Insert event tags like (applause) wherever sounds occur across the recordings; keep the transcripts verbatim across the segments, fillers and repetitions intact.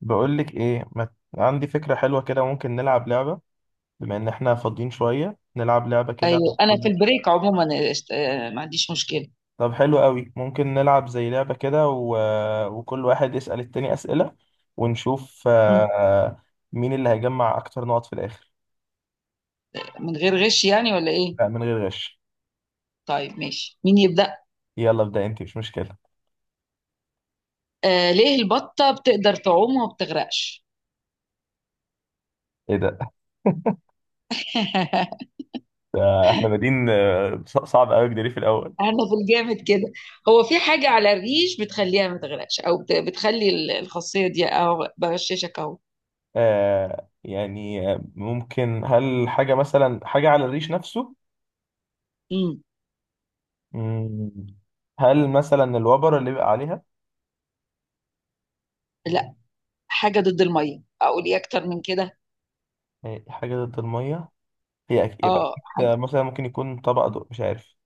بقولك ايه ما... عندي فكرة حلوة كده، ممكن نلعب لعبة. بما ان احنا فاضيين شوية نلعب لعبة كده، أيوة. انا في وكل- البريك عموما، آه، است- آه، ما عنديش مشكله. طب حلو قوي، ممكن نلعب زي لعبة كده و... وكل واحد يسأل التاني أسئلة، ونشوف مم. آه، مين اللي هيجمع اكتر نقط في الاخر. من غير غش يعني ولا ايه؟ لا، من غير غش. طيب، ماشي، مين يبدا؟ يلا ابدأ انت، مش مشكلة. آه ليه البطه بتقدر تعوم وما بتغرقش؟ ايه ده؟ (laughs) (laughs) ده احنا بادئين آه، ص- صعب قوي جدري في الاول. انا في الجامد كده. هو في حاجه على الريش بتخليها ما تغرقش، او بت- بتخلي ال- الخاصيه دي اهو بغششك اهو. آه، يعني آه، ممكن هل حاجة، مثلا حاجة على الريش نفسه؟ مم. مم. هل مثلا الوبر اللي بيبقى عليها؟ لا. حاجه ضد الميه، اقول ايه اكتر من كده؟ هي حاجة ضد المية. هي أك- يبقى اه، حاجه. أكيد. مثلا ممكن يكون طبق دو... مش عارف،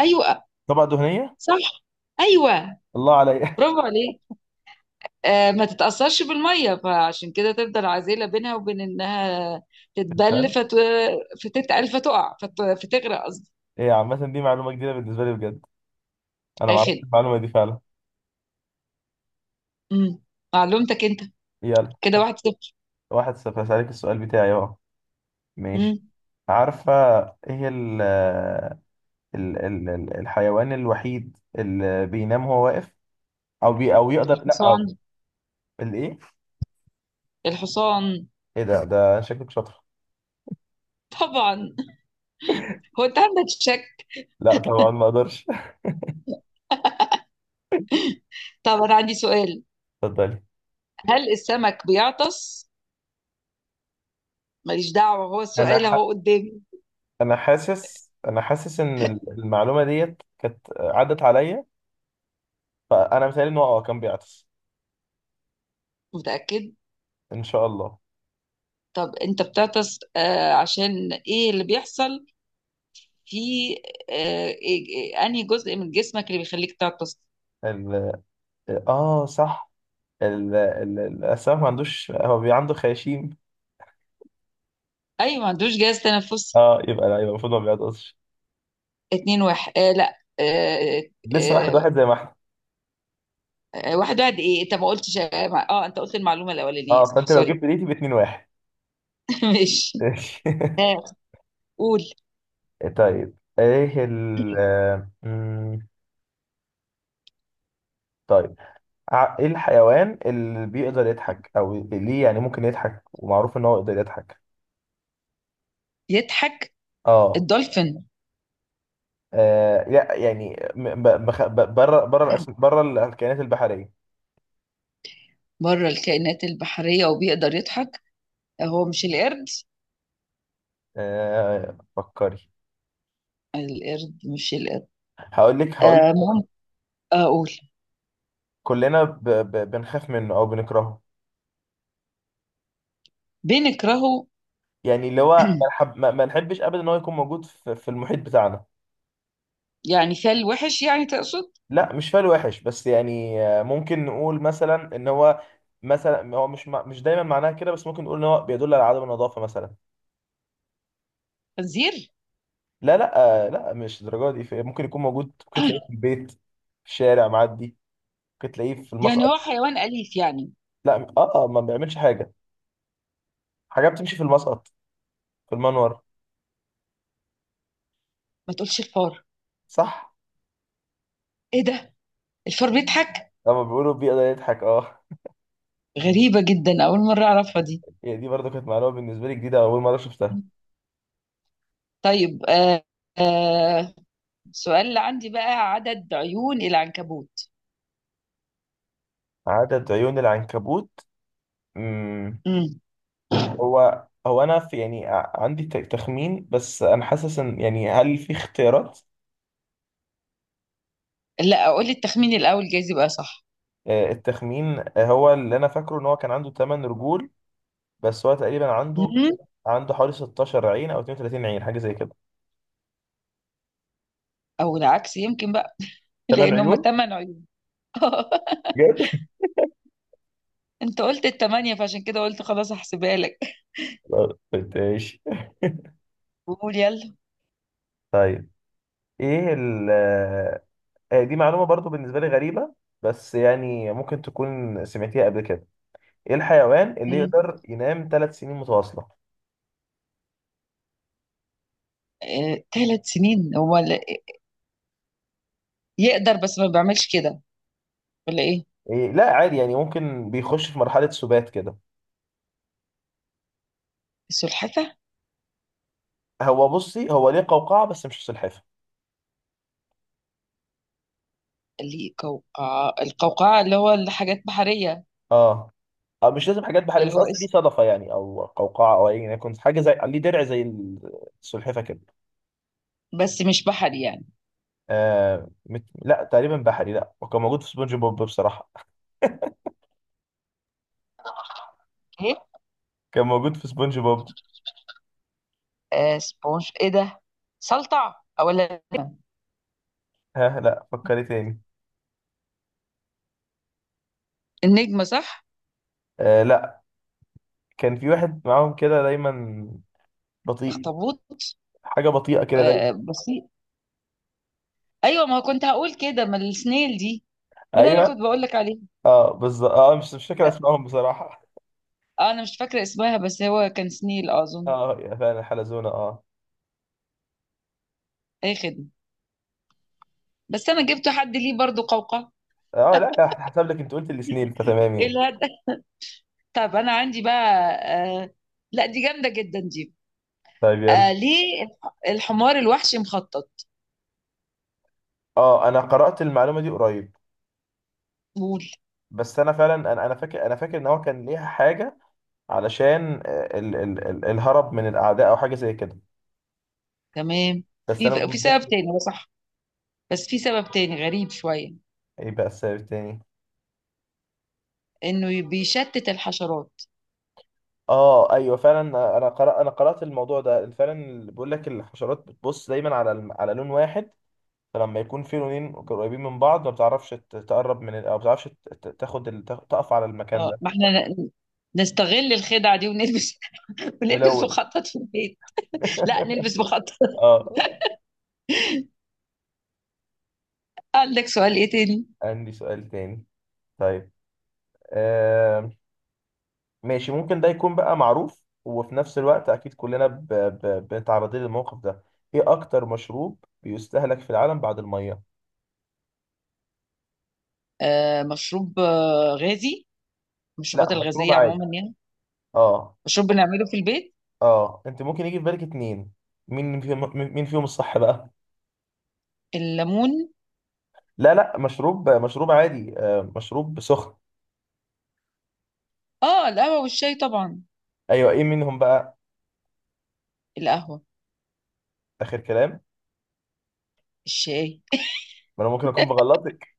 ايوه. طبق دهنية. صح. ايوه. الله عليا. برافو عليك. آه، ما تتأثرش بالمية، فعشان كده تفضل عازلة بينها وبين إنها (laughs) تتبل الفن. فت... فتتقل فتقع فت... فتغرق قصدي. هي عامة دي معلومة جديدة بالنسبة لي بجد. أنا ما آخر. اعرفش المعلومة دي فعلا. مم. معلومتك أنت. يلا، كده واحد صفر. واحد صفر. هسألك السؤال بتاعي أهو. مم. ماشي. عارفة، إيه هي ال... ال... ال... ال- الحيوان الوحيد اللي بينام وهو واقف، أو بي... أو يقدر، لا أو... الحصان. الإيه؟ الحصان. إيه ده ده شكلك شاطر. طبعا. هو أنت عندك شك؟ لا طبعا، ما أقدرش. (laughs) طب أنا عندي سؤال. اتفضلي. هل السمك بيعطس؟ ماليش دعوة، هو أنا السؤال أهو قدامي. انا حاسس انا حاسس ان ال- المعلومه ديت كانت عدت عليا، فانا مثالي ان هو اه كان بيعطس. متأكد؟ ان شاء الله. طب أنت بتعطس، آه عشان إيه اللي بيحصل في آه إيه- إيه- أنهي جزء من جسمك اللي بيخليك تعطس؟ ال... اه صح، ال... ال... الاسماك ما عندوش، هو بي عنده خياشيم. ايوه، ما عندوش جهاز تنفس. اه يبقى لا، يبقى المفروض ما بيعطسش. اتنين واحد، آه لا، آه لسه واحد آه واحد زي ما احنا. آه، واحد واحد، ايه انت ما قلتش، اه ما- آه، انت قلت المعلومه الاولانيه، اه صح، فانت لو سوري. جبت دقيقتي باتنين واحد. (laughs) ماشي. ماشي. (laughs) آه قول. طيب ايه ال آه، مم، طيب، ع- ايه الحيوان اللي بيقدر يضحك او ليه، يعني ممكن يضحك ومعروف ان هو يقدر يضحك؟ يضحك. اه. الدولفين. آه لا، يعني م- ب- بخ- ب- بره، بره الأس- بره الكائنات البحريه. بره الكائنات البحريه وبيقدر يضحك. آه، هو مش القرد؟ آه فكري. القرد، مش القرد؟ هقول لك هقول آه لك مهم. آه قول. كلنا ب- ب- بنخاف منه او بنكرهه. بنكرهه. يعني اللي هو ما نحب، ما ما نحبش ابدا ان هو يكون موجود في في المحيط بتاعنا. يعني فال وحش يعني تقصد؟ لا مش فعل وحش، بس يعني آه، ممكن نقول مثلا ان هو... مثلا هو مش مع- مش دايما معناها كده، بس ممكن نقول ان هو بيدل على عدم النظافه مثلا. خنزير. لا لا، آه، لا، مش الدرجه دي. في- ممكن يكون موجود، ممكن تلاقيه في البيت، في الشارع معدي، ممكن تلاقيه في المصنع. يعني هو حيوان اليف يعني؟ لا، اه آه، ما بيعملش حاجه. حاجه بتمشي في المسقط، في المنور. ما تقولش الفار. صح. ايه ده؟ الفار بيضحك؟ لما بيقولوا بيئه ده يضحك، اه. غريبه جدا، اول مره اعرفها دي. هي دي برضه كانت معلومه بالنسبه لي جديده، اول مره شفتها. طيب. آه آه سؤال اللي عندي بقى عدد عيون العنكبوت. عدد عيون العنكبوت. امم. مم. هو هو انا، في يعني ع- عندي ت- تخمين، بس انا حاسس ان، يعني هل في اختيارات؟ لا، اقول لي التخمين الاول جايز يبقى صح. آه، التخمين آه، هو اللي انا فاكره ان هو كان عنده 8 رجول، بس هو تقريبا عنده مم. عنده حوالي 16 عين او 32 عين، حاجه زي كده. او العكس يمكن بقى. (laughs) 8 لان هم عيون؟ ثمان عيون. (laughs) بجد؟ انت قلت الثمانيه فعشان كده قلت خلاص هحسبها لك. (laughs) ماشي، قول يلا. طيب. ايه ال آه، دي معلومة برضو بالنسبة لي غريبة، بس يعني ممكن تكون سمعتيها قبل كده. ايه الحيوان اللي مم. يقدر ينام ثلاث سنين متواصلة؟ آه ثلاث سنين، هو ال- يقدر بس ما بيعملش كده، ولا ايه؟ إيه؟ لا عادي، يعني ممكن بيخش في مرحلة سبات كده. السلحفه. هو بصي، هو ليه قوقعة بس مش سلحفة. اللي قوقعه، القوقعه اللي هو الحاجات بحريه. اه. أو مش لازم حاجات بحرية، اللي بس هو قصدي ليه اسم. صدفة يعني، أو قوقعة، أو أي يكون حاجة زي ليه درع زي السلحفة كده. بس مش بحري يعني. آه مت... لا تقريبا بحري، لا، وكان موجود في سبونج بوب بصراحة. (laughs) كان موجود في سبونج بوب. آه سبونج ايه ده؟ سلطع ولا نجمة؟ ها، لا فكري تاني. النجمة صح؟ آه لا. كان في واحد معاهم كده دايما، بطيء. اخطبوط. حاجه بطيئه كده آه دايما. بسيط. ايوه، ما كنت هقول كده، ما السنيل دي. ما ده انا ايوه. كنت بقول لك عليه. اه بالظبط. اه مش مش فاكر اسمائهم بصراحه. آه انا مش فاكرة اسمها، بس هو كان سنيل (laughs) اظن. اه، يا فعلا، حلزونه، اه. اي خدمة. بس انا جبت حد ليه برضو قوقعة. اه، لا لا، هحسب لك، انت قلت الاثنين فتمام ايه يعني. الهدف؟ (laughs) طب انا عندي بقى. آه لا، دي جامدة جدا دي. طيب، يلا. آه ليه الحمار الوحشي مخطط؟ اه انا قرات المعلومه دي قريب، قول. بس انا فعلا انا انا فاكر انا فاكر ان هو كان ليها حاجه علشان آه، ال ال ال الهرب من الاعداء او حاجه زي كده، تمام. بس في انا مش في سبب متذكر. تاني هو صح. بس في سبب تاني غريب شوية. ايه بقى السبب التاني؟ انه ي- بيشتت الحشرات. اه ايوه فعلا. انا قرأ انا قرأت الموضوع ده فعلا. بيقول لك الحشرات بتبص دايما على الم- على لون واحد، فلما يكون في لونين قريبين من بعض ما بتعرفش ت- تقرب من ال... او ما بتعرفش ت- ت- تاخد ال... تاخ- تقف على المكان اه، ده. ما احنا ن- نستغل الخدعة دي ونلبس. (laughs) ونلبس ملون. مخطط في البيت. لا، (laughs) نلبس مخطط. اه، (laughs) عندك سؤال ايه تاني؟ عندي سؤال تاني. طيب. آه... ماشي، ممكن ده يكون بقى معروف، وفي نفس الوقت اكيد كلنا ب... ب... بنتعرضين للموقف ده. ايه اكتر مشروب بيستهلك في العالم بعد الميه؟ آه مشروب آه غازي؟ لا، المشروبات مشروب الغازية عادي. عموما يعني؟ اه. مشروب بنعمله في البيت؟ اه انت ممكن يجي في بالك اتنين، مين فيهم مين فيهم الصح بقى. الليمون. لا لا، مشروب مشروب عادي، آه مشروب سخن. اه، القهوة والشاي طبعا. ايوه، ايه منهم بقى؟ القهوة. اخر كلام؟ الشاي. ما انا ممكن اكون بغلطك.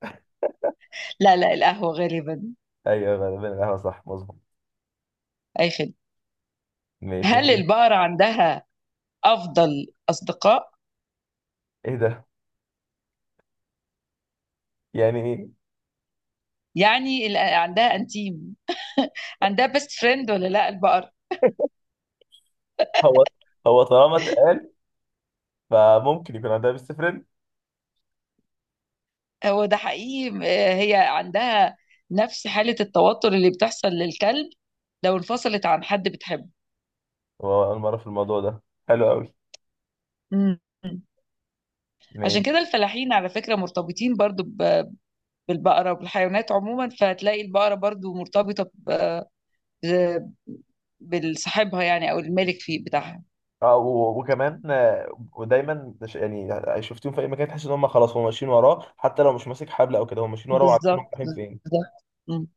لا لا، القهوة غالبا. ايوه غالبا القهوه، صح، مظبوط. اي خدمة. ماشي. هل البقرة عندها افضل اصدقاء؟ ايه ده، يعني ايه؟ يعني ال- عندها انتيم، عندها بيست فريند ولا لا البقرة؟ هو هو طالما اتقال، فممكن يكون عندها بيست فريند. هو ده حقيقي. آه، هي عندها نفس حالة التوتر اللي بتحصل للكلب لو انفصلت عن حد بتحبه. هو اول مره في الموضوع ده، حلو قوي. مم. عشان ماشي. كده الفلاحين على فكرة مرتبطين برضو ب- بالبقرة وبالحيوانات عموما، فهتلاقي البقرة برضو مرتبطة ب- ب- بالصاحبها يعني، أو الملك فيه بتاعها. اه، و- وكمان آه، ودايما ده ش- يعني شفتهم في اي مكان، تحس ان هم خلاص هم ماشيين وراه، حتى لو مش ماسك حبل او كده، هم ماشيين وراه وعارفين هم بالظبط. رايحين فين. بالظبط. مم.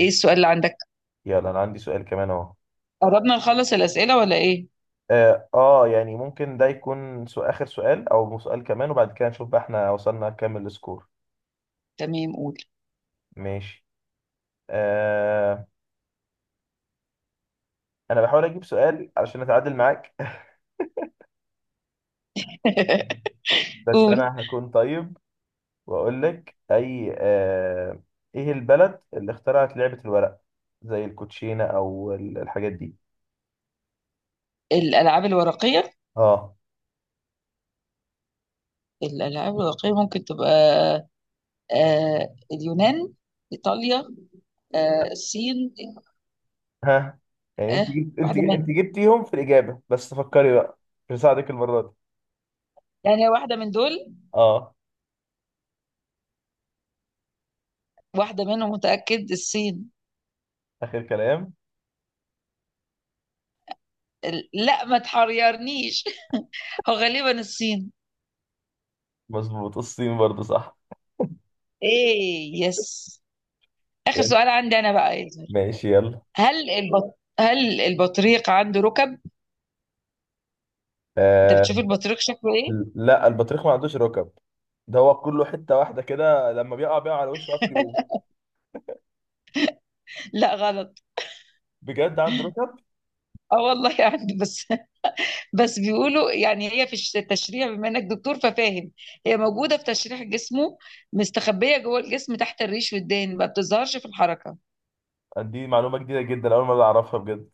ايه السؤال اللي عندك؟ يلا انا عندي سؤال كمان اهو. قربنا نخلص الأسئلة ولا ايه؟ اه آه، يعني ممكن ده يكون سو- اخر سؤال او سؤال كمان، وبعد كده نشوف بقى احنا وصلنا كام السكور. تمام، قول. ماشي. آه، انا بحاول اجيب سؤال علشان اتعادل معاك. (laughs) (laughs) بس قول. انا هكون طيب واقول لك، اي آه ايه البلد اللي اخترعت لعبة الورق؟ زي الكوتشينة او ال- الحاجات دي. الألعاب الورقية؟ اه. الألعاب الورقية ممكن تبقى آه اليونان، ايطاليا، آه الصين. (laughs) ها، يعني انت آه جبت، انت واحده انت منهم. جبتيهم في الاجابة بس فكري بقى. مش هساعدك المرة دي. يعني واحده من دول. اه، واحده منهم، متاكد الصين. اخر كلام. ال- لا، ما تحيرنيش. هو غالبا الصين. مظبوط، الصين برضه، صح. ايه، يس. اخر يلا. سؤال عندي انا بقى يا زهر. ماشي، يلا. هل البط... هل البطريق عنده ركب؟ انت بتشوف آه البطريق شكله ايه؟ لا، البطريق ما عندوش ركب. ده هو كله حتة واحدة كده، لما بيقع بيقع على وشه، عارف يقوم. (laughs) لا، غلط. بجد عنده ركب؟ اه والله عنده، بس بس بيقولوا يعني، هي في الش- التشريح، بما انك دكتور ففاهم. هي موجوده في تشريح جسمه، مستخبيه جوه الجسم تحت الريش والدهن، ما بتظهرش في الحركه. دي معلومة جديدة جدا، أول مرة أعرفها بجد.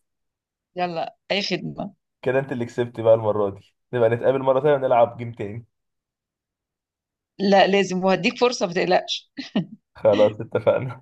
يلا، اي خدمه. كده أنت اللي كسبت بقى المرة دي، نبقى نتقابل مرة تانية ونلعب جيم تاني. لا لازم، وهديك فرصه ما تقلقش. خلاص، اتفقنا.